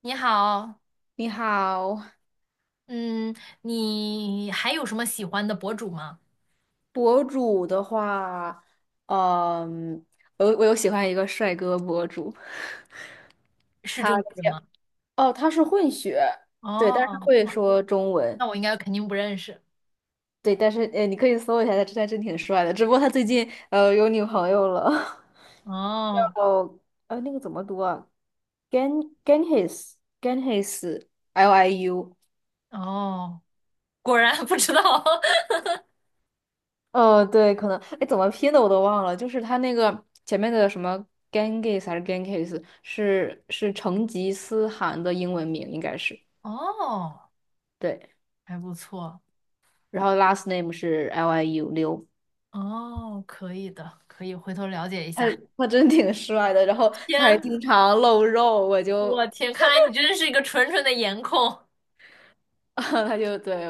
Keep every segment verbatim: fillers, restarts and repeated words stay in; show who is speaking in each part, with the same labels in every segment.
Speaker 1: 你好，
Speaker 2: 你好，
Speaker 1: 嗯，你还有什么喜欢的博主吗？
Speaker 2: 博主的话，嗯，我我有喜欢一个帅哥博主，
Speaker 1: 是
Speaker 2: 他
Speaker 1: 中国人
Speaker 2: 叫
Speaker 1: 吗？
Speaker 2: 哦，他是混血，对，但是他
Speaker 1: 哦，
Speaker 2: 会
Speaker 1: 那
Speaker 2: 说中文，
Speaker 1: 那我应该肯定不认识。
Speaker 2: 对，但是呃，你可以搜一下，他他真挺帅的，只不过他最近呃有女朋友了，叫
Speaker 1: 哦
Speaker 2: 呃那个怎么读啊？Gan Ganhis Ganhis L I U。
Speaker 1: 哦，果然 不知道。
Speaker 2: 呃，对，可能，哎，怎么拼的我都忘了，就是他那个前面的什么 Genghis 还是 Genghis，是是成吉思汗的英文名，应该是
Speaker 1: 哦，
Speaker 2: 对，
Speaker 1: 还不错。
Speaker 2: 然后 last name 是 Liu 刘，
Speaker 1: 哦，可以的，可以回头了解一
Speaker 2: 他
Speaker 1: 下。
Speaker 2: 他真挺帅的，然后他还经
Speaker 1: 天，
Speaker 2: 常露肉，我就
Speaker 1: 我天，看来你真的是一个纯纯的颜控。
Speaker 2: 他就对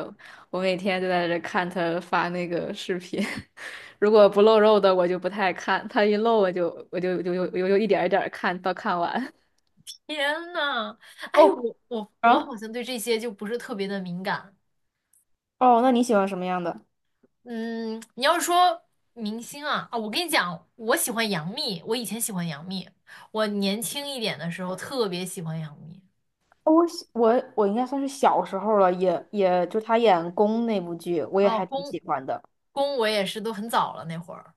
Speaker 2: 我每天就在这看他发那个视频，如果不露肉的我就不太看，他一露我就我就就就就就一点儿一点儿看到看完。
Speaker 1: 天呐，哎，
Speaker 2: 哦
Speaker 1: 我我我
Speaker 2: 啊，
Speaker 1: 好像对这些就不是特别的敏感。
Speaker 2: 哦，那你喜欢什么样的？
Speaker 1: 嗯，你要是说明星啊，啊，我跟你讲，我喜欢杨幂，我以前喜欢杨幂，我年轻一点的时候特别喜欢杨幂。
Speaker 2: 我喜我我应该算是小时候了，也也就他演宫那部剧，我也
Speaker 1: 啊，
Speaker 2: 还挺
Speaker 1: 宫
Speaker 2: 喜欢的。
Speaker 1: 宫我也是都很早了那会儿，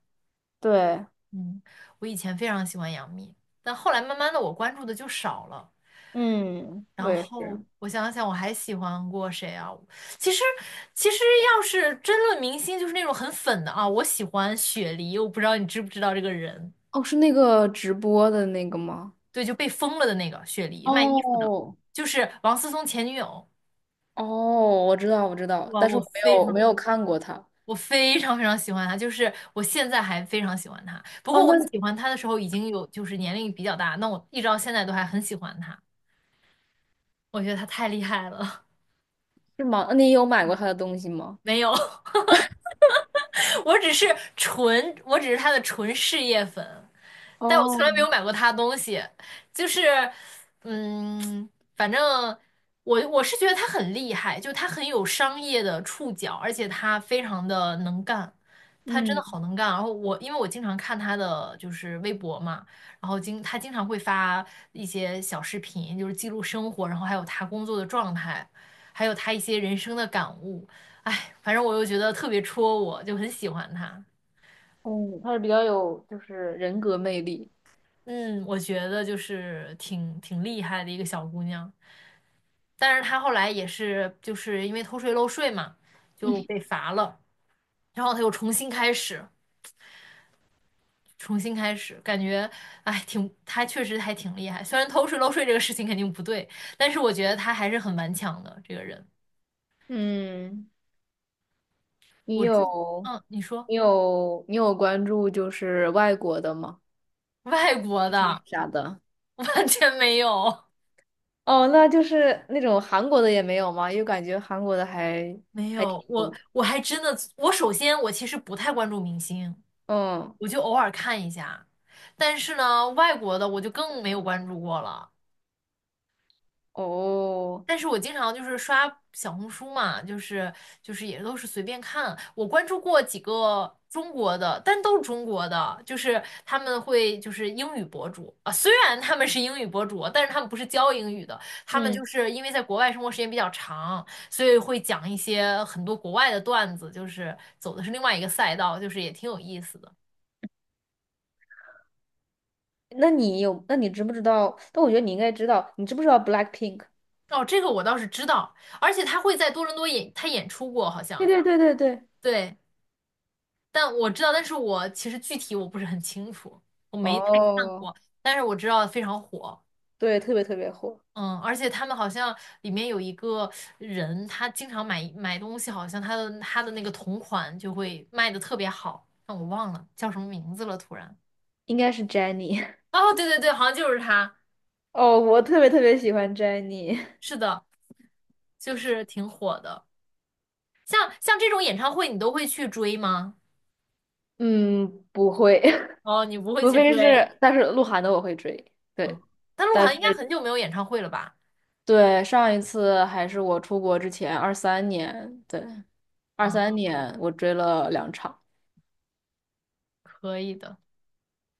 Speaker 2: 对，
Speaker 1: 嗯，我以前非常喜欢杨幂，但后来慢慢的我关注的就少了。
Speaker 2: 嗯，我
Speaker 1: 然
Speaker 2: 也
Speaker 1: 后
Speaker 2: 是。
Speaker 1: 我想想，我还喜欢过谁啊？其实其实要是争论明星，就是那种很粉的啊，我喜欢雪梨，我不知道你知不知道这个人。
Speaker 2: 哦，是那个直播的那个吗？
Speaker 1: 对，就被封了的那个雪梨卖衣服的，
Speaker 2: 哦，
Speaker 1: 就是王思聪前女友。
Speaker 2: 哦，我知道，我知道，
Speaker 1: 哇，
Speaker 2: 但是
Speaker 1: 我
Speaker 2: 我没
Speaker 1: 非
Speaker 2: 有我没
Speaker 1: 常，
Speaker 2: 有看过他。
Speaker 1: 我非常非常喜欢她，就是我现在还非常喜欢她。不
Speaker 2: 哦，
Speaker 1: 过我
Speaker 2: 那
Speaker 1: 喜欢她的时候已经有就是年龄比较大，那我一直到现在都还很喜欢她，我觉得她太厉害了。
Speaker 2: 是吗？那你有买过他的东西吗？
Speaker 1: 没有，我只是纯，我只是他的纯事业粉，但我从来没有
Speaker 2: 哦，
Speaker 1: 买过他的东西。就是，嗯，反正我我是觉得他很厉害，就他很有商业的触角，而且他非常的能干，他真的
Speaker 2: 嗯
Speaker 1: 好能干。然后我因为我经常看他的就是微博嘛，然后经他经常会发一些小视频，就是记录生活，然后还有他工作的状态，还有他一些人生的感悟。哎，反正我又觉得特别戳我，就很喜欢她。
Speaker 2: 嗯，他是比较有就是人格魅力。
Speaker 1: 嗯，我觉得就是挺挺厉害的一个小姑娘，但是她后来也是就是因为偷税漏税嘛，就被罚了，然后她又重新开始，重新开始，感觉哎挺，她确实还挺厉害。虽然偷税漏税这个事情肯定不对，但是我觉得她还是很顽强的这个人。
Speaker 2: 嗯，你
Speaker 1: 我自，
Speaker 2: 有
Speaker 1: 嗯，你说
Speaker 2: 你有你有关注就是外国的吗？
Speaker 1: 外国
Speaker 2: 一些
Speaker 1: 的
Speaker 2: 啥的？
Speaker 1: 完全没有。
Speaker 2: 哦，那就是那种韩国的也没有吗？因为感觉韩国的还
Speaker 1: 没有，我
Speaker 2: 哦，
Speaker 1: 我还真的，我首先我其实不太关注明星，
Speaker 2: 嗯，
Speaker 1: 我就偶尔看一下，但是呢，外国的我就更没有关注过了。
Speaker 2: 哦，
Speaker 1: 但是我经常就是刷小红书嘛，就是就是也都是随便看。我关注过几个中国的，但都是中国的，就是他们会就是英语博主啊，虽然他们是英语博主，但是他们不是教英语的，他们就
Speaker 2: 嗯，
Speaker 1: 是因为在国外生活时间比较长，所以会讲一些很多国外的段子，就是走的是另外一个赛道，就是也挺有意思的。
Speaker 2: 那你有，那你知不知道？但我觉得你应该知道，你知不知道 BLACKPINK？
Speaker 1: 哦，这个我倒是知道，而且他会在多伦多演，他演出过好
Speaker 2: 对
Speaker 1: 像，
Speaker 2: 对对对对，
Speaker 1: 对。但我知道，但是我其实具体我不是很清楚，我没太看
Speaker 2: 哦，
Speaker 1: 过，但是我知道非常火，
Speaker 2: 对，特别特别火，
Speaker 1: 嗯，而且他们好像里面有一个人，他经常买买东西，好像他的他的那个同款就会卖的特别好，但我忘了叫什么名字了，突然。
Speaker 2: 应该是 Jennie。
Speaker 1: 哦，对对对，好像就是他，
Speaker 2: 哦，我特别特别喜欢 Jennie。
Speaker 1: 是的，就是挺火的。像像这种演唱会，你都会去追吗？
Speaker 2: 嗯，不会，
Speaker 1: 哦，你不会
Speaker 2: 除
Speaker 1: 去
Speaker 2: 非
Speaker 1: 追，
Speaker 2: 是，但是鹿晗的我会追，
Speaker 1: 嗯，
Speaker 2: 对，
Speaker 1: 但鹿
Speaker 2: 但
Speaker 1: 晗应该
Speaker 2: 是。
Speaker 1: 很久没有演唱会了吧？
Speaker 2: 对，上一次还是我出国之前，二三年，对，二三
Speaker 1: 嗯，
Speaker 2: 年我追了两场，
Speaker 1: 可以的。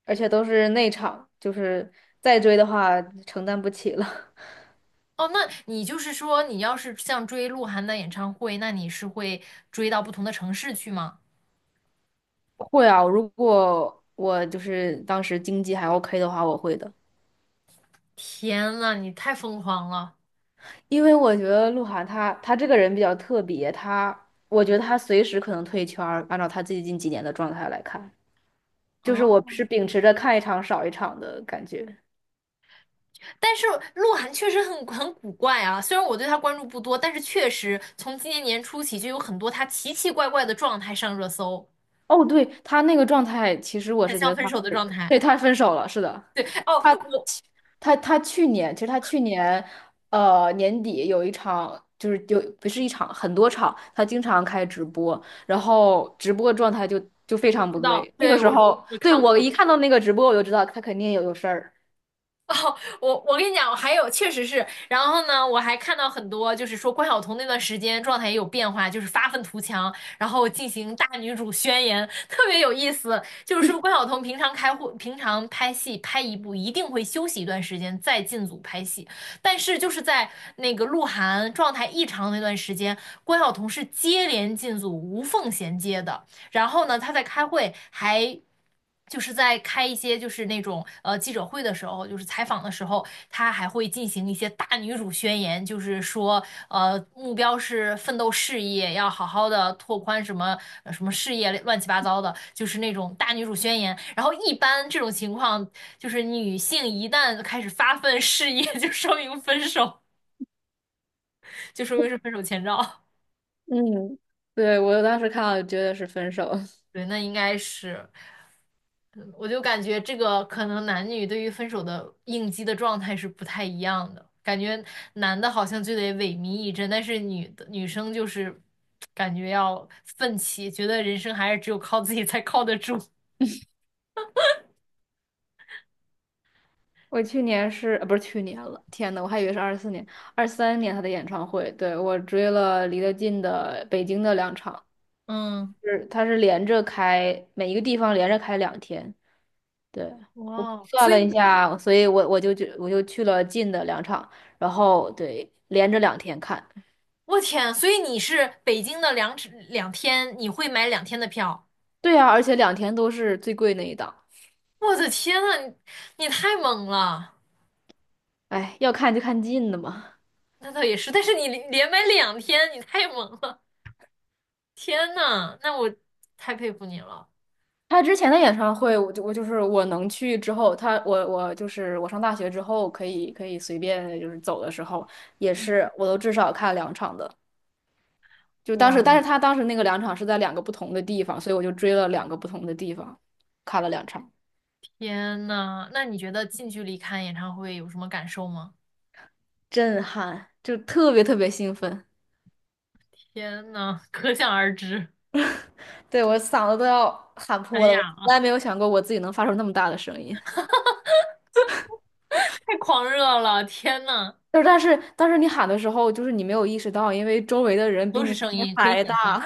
Speaker 2: 而且都是内场，就是再追的话承担不起了。
Speaker 1: 哦，那你就是说，你要是像追鹿晗的演唱会，那你是会追到不同的城市去吗？
Speaker 2: 会啊，如果我就是当时经济还 OK 的话，我会的。
Speaker 1: 天呐，你太疯狂了！
Speaker 2: 因为我觉得鹿晗他他这个人比较特别，他我觉得他随时可能退圈儿按照他最近几年的状态来看，就
Speaker 1: 啊！
Speaker 2: 是我是秉持着看一场少一场的感觉。
Speaker 1: 但是鹿晗确实很很古怪啊，虽然我对他关注不多，但是确实从今年年初起就有很多他奇奇怪怪的状态上热搜，
Speaker 2: 哦，对，他那个状态，其实我
Speaker 1: 很
Speaker 2: 是觉
Speaker 1: 像
Speaker 2: 得
Speaker 1: 分
Speaker 2: 他
Speaker 1: 手的
Speaker 2: 是，
Speaker 1: 状态。
Speaker 2: 对，他分手了，是的，
Speaker 1: 哦，
Speaker 2: 他
Speaker 1: 我
Speaker 2: 他他去年，其实他去年，呃，年底有一场，就是就不是一场，很多场，他经常开直播，然后直播状态就就非
Speaker 1: 我
Speaker 2: 常不
Speaker 1: 知道，
Speaker 2: 对。那个
Speaker 1: 对，
Speaker 2: 时
Speaker 1: 我
Speaker 2: 候，
Speaker 1: 我
Speaker 2: 对，
Speaker 1: 看
Speaker 2: 我
Speaker 1: 过，
Speaker 2: 一看到那个直播，我就知道他肯定有有事儿。
Speaker 1: 哦，我我跟你讲，我还有确实是，然后呢，我还看到很多，就是说关晓彤那段时间状态也有变化，就是发愤图强，然后进行大女主宣言，特别有意思。就是说关晓彤平常开会，平常拍戏拍一部一定会休息一段时间再进组拍戏，但是就是在那个鹿晗状态异常那段时间，关晓彤是接连进组无缝衔接的。然后呢，他在开会还。就是在开一些就是那种呃记者会的时候，就是采访的时候，他还会进行一些大女主宣言，就是说呃目标是奋斗事业，要好好的拓宽什么呃什么事业乱七八糟的，就是那种大女主宣言。然后一般这种情况，就是女性一旦开始发奋事业，就说明分手，就说明是分手前兆。
Speaker 2: 嗯，对，我当时看到觉得是分手。
Speaker 1: 对，那应该是。嗯我就感觉这个可能男女对于分手的应激的状态是不太一样的，感觉男的好像就得萎靡一阵，但是女的女生就是感觉要奋起，觉得人生还是只有靠自己才靠得住。
Speaker 2: 我去年是，呃不是去年了，天呐，我还以为是二四年、二三年他的演唱会。对，我追了离得近的北京的两场，
Speaker 1: 嗯，
Speaker 2: 是他是连着开，每一个地方连着开两天。对，我
Speaker 1: 哇，
Speaker 2: 算
Speaker 1: 所以
Speaker 2: 了一
Speaker 1: 你
Speaker 2: 下，所以我我就去我就去了近的两场，然后对，连着两天看。
Speaker 1: 我天，所以你是北京的两只两天，你会买两天的票？
Speaker 2: 对啊，而且两天都是最贵那一档。
Speaker 1: 我的天呐，你你太猛了！
Speaker 2: 哎，要看就看近的嘛。
Speaker 1: 那倒也是，但是你连连买两天，你太猛了！天呐，那我太佩服你了。
Speaker 2: 他之前的演唱会，我就我就是我能去之后，他我我就是我上大学之后可以可以随便就是走的时候，也
Speaker 1: 嗯，
Speaker 2: 是我都至少看两场的。就当时，但是
Speaker 1: 我
Speaker 2: 他当时那个两场是在两个不同的地方，所以我就追了两个不同的地方，看了两场，
Speaker 1: 天呐，那你觉得近距离看演唱会有什么感受吗？
Speaker 2: 震撼，就特别特别兴奋，
Speaker 1: 天呐，可想而知，
Speaker 2: 对，我嗓子都要喊
Speaker 1: 哎
Speaker 2: 破了，我
Speaker 1: 哑
Speaker 2: 从
Speaker 1: 了，
Speaker 2: 来没有想过我自己能发出那么大的声音。
Speaker 1: 太狂热了，天呐，
Speaker 2: 就是但是但是你喊的时候，就是你没有意识到，因为周围的人比
Speaker 1: 都是
Speaker 2: 你声
Speaker 1: 声
Speaker 2: 音
Speaker 1: 音，可以
Speaker 2: 还
Speaker 1: 想
Speaker 2: 大。
Speaker 1: 象，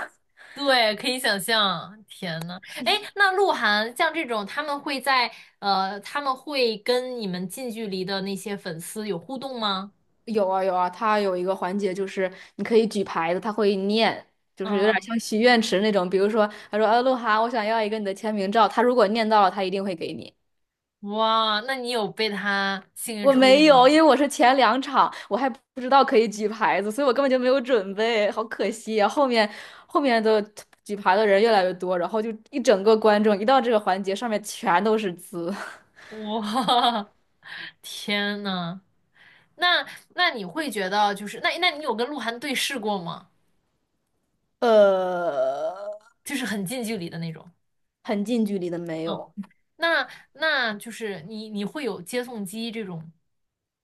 Speaker 1: 对，可以想象，天呐，哎，那鹿晗像这种，他们会在呃，他们会跟你们近距离的那些粉丝有互动吗？
Speaker 2: 有啊有啊，他有一个环节就是你可以举牌子，他会念，就是有点
Speaker 1: 嗯，
Speaker 2: 像许愿池那种。比如说，他说：“呃，鹿晗，我想要一个你的签名照。”他如果念到了，他一定会给你。
Speaker 1: 哇，那你有被他幸运
Speaker 2: 我
Speaker 1: 抽
Speaker 2: 没
Speaker 1: 中吗？
Speaker 2: 有，因为我是前两场，我还不知道可以举牌子，所以我根本就没有准备，好可惜啊！后面后面的举牌的人越来越多，然后就一整个观众一到这个环节，上面全都是字，
Speaker 1: 哇，天呐！那那你会觉得就是那那你有跟鹿晗对视过吗？
Speaker 2: 呃，
Speaker 1: 就是很近距离的那种。
Speaker 2: 很近距离的没
Speaker 1: 嗯，
Speaker 2: 有，
Speaker 1: 那那就是你你会有接送机这种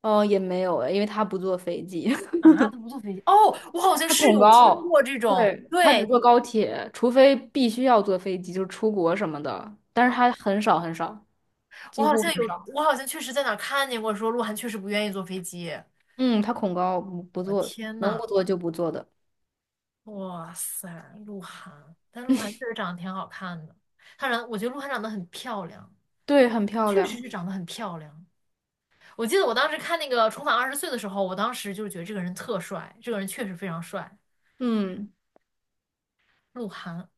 Speaker 2: 哦，也没有，因为他不坐飞机。
Speaker 1: 啊？他不坐飞机哦，我好像
Speaker 2: 他
Speaker 1: 是
Speaker 2: 恐
Speaker 1: 有听
Speaker 2: 高，
Speaker 1: 过这种，
Speaker 2: 对，他只坐
Speaker 1: 对，
Speaker 2: 高铁，除非必须要坐飞机，就是出国什么的，但是
Speaker 1: 啊，
Speaker 2: 他很少很少，
Speaker 1: 我
Speaker 2: 几
Speaker 1: 好
Speaker 2: 乎
Speaker 1: 像
Speaker 2: 很
Speaker 1: 有，
Speaker 2: 少。
Speaker 1: 我好像确实在哪儿看见过，说鹿晗确实不愿意坐飞机。
Speaker 2: 嗯，他恐高，不不
Speaker 1: 我
Speaker 2: 坐，
Speaker 1: 天
Speaker 2: 能
Speaker 1: 呐，
Speaker 2: 不坐就不坐的。
Speaker 1: 哇塞，鹿晗，但鹿晗确实长得挺好看的，他长，我觉得鹿晗长得很漂亮，
Speaker 2: 对，很漂
Speaker 1: 确实
Speaker 2: 亮。
Speaker 1: 是长得很漂亮。我记得我当时看那个《重返二十岁》的时候，我当时就是觉得这个人特帅，这个人确实非常帅，
Speaker 2: 嗯，
Speaker 1: 鹿晗。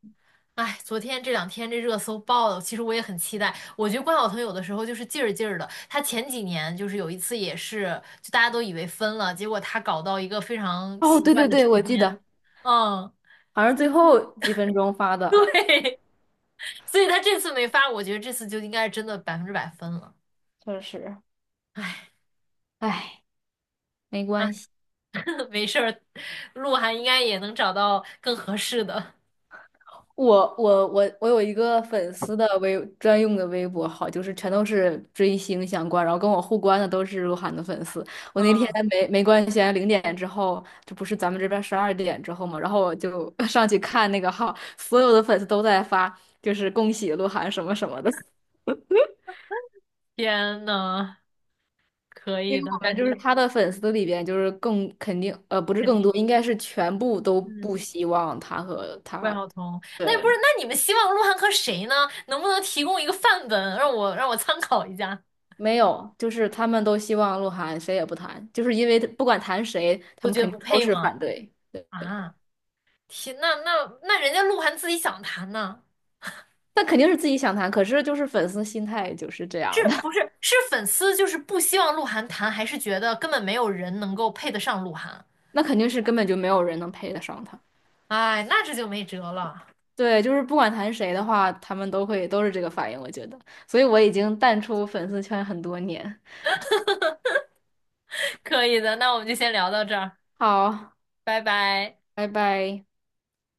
Speaker 1: 哎，昨天这两天这热搜爆了，其实我也很期待。我觉得关晓彤有的时候就是劲儿劲儿的，她前几年就是有一次也是，就大家都以为分了，结果她搞到一个非常
Speaker 2: 哦，
Speaker 1: 奇
Speaker 2: 对
Speaker 1: 怪
Speaker 2: 对
Speaker 1: 的时
Speaker 2: 对，我记
Speaker 1: 间，
Speaker 2: 得，
Speaker 1: 嗯，
Speaker 2: 好像是最后几分钟发的，
Speaker 1: 对，所以她这次没发，我觉得这次就应该是真的百分之百分了。
Speaker 2: 确实，
Speaker 1: 哎，
Speaker 2: 唉，没
Speaker 1: 啊，
Speaker 2: 关系。
Speaker 1: 没事儿，鹿晗应该也能找到更合适的。
Speaker 2: 我我我我有一个粉丝的微专用的微博号，就是全都是追星相关，然后跟我互关的都是鹿晗的粉丝。我那天
Speaker 1: 嗯，
Speaker 2: 没没关系啊，零点之后，这不是咱们这边十二点之后嘛，然后我就 上去看那个号，所有的粉丝都在发，就是恭喜鹿晗什么什么的。
Speaker 1: 天呐！可
Speaker 2: 因
Speaker 1: 以
Speaker 2: 为
Speaker 1: 的，
Speaker 2: 我们
Speaker 1: 感
Speaker 2: 就是
Speaker 1: 觉
Speaker 2: 他的粉丝里边，就是更肯定，呃，不是
Speaker 1: 肯
Speaker 2: 更
Speaker 1: 定，
Speaker 2: 多，应该是全部都
Speaker 1: 嗯，
Speaker 2: 不希望他和
Speaker 1: 怪
Speaker 2: 他，
Speaker 1: 好同。那不是，
Speaker 2: 对。
Speaker 1: 那你们希望鹿晗和谁呢？能不能提供一个范本，让我让我参考一下？
Speaker 2: 没有，就是他们都希望鹿晗谁也不谈，就是因为不管谈谁，他
Speaker 1: 都
Speaker 2: 们
Speaker 1: 觉得
Speaker 2: 肯
Speaker 1: 不
Speaker 2: 定都
Speaker 1: 配
Speaker 2: 是
Speaker 1: 吗？
Speaker 2: 反对。对，
Speaker 1: 啊，天，那那那人家鹿晗自己想谈呢，
Speaker 2: 那肯定是自己想谈，可是就是粉丝心态就是这
Speaker 1: 是
Speaker 2: 样的，
Speaker 1: 不是？是粉丝就是不希望鹿晗谈，还是觉得根本没有人能够配得上鹿晗？
Speaker 2: 那肯定是根本就没有人能配得上他。
Speaker 1: 哎，那这就没辙了。
Speaker 2: 对，就是不管谈谁的话，他们都会都是这个反应，我觉得，所以我已经淡出粉丝圈很多年。
Speaker 1: 可以的，那我们就先聊到这儿，
Speaker 2: 好，
Speaker 1: 拜拜。
Speaker 2: 拜拜。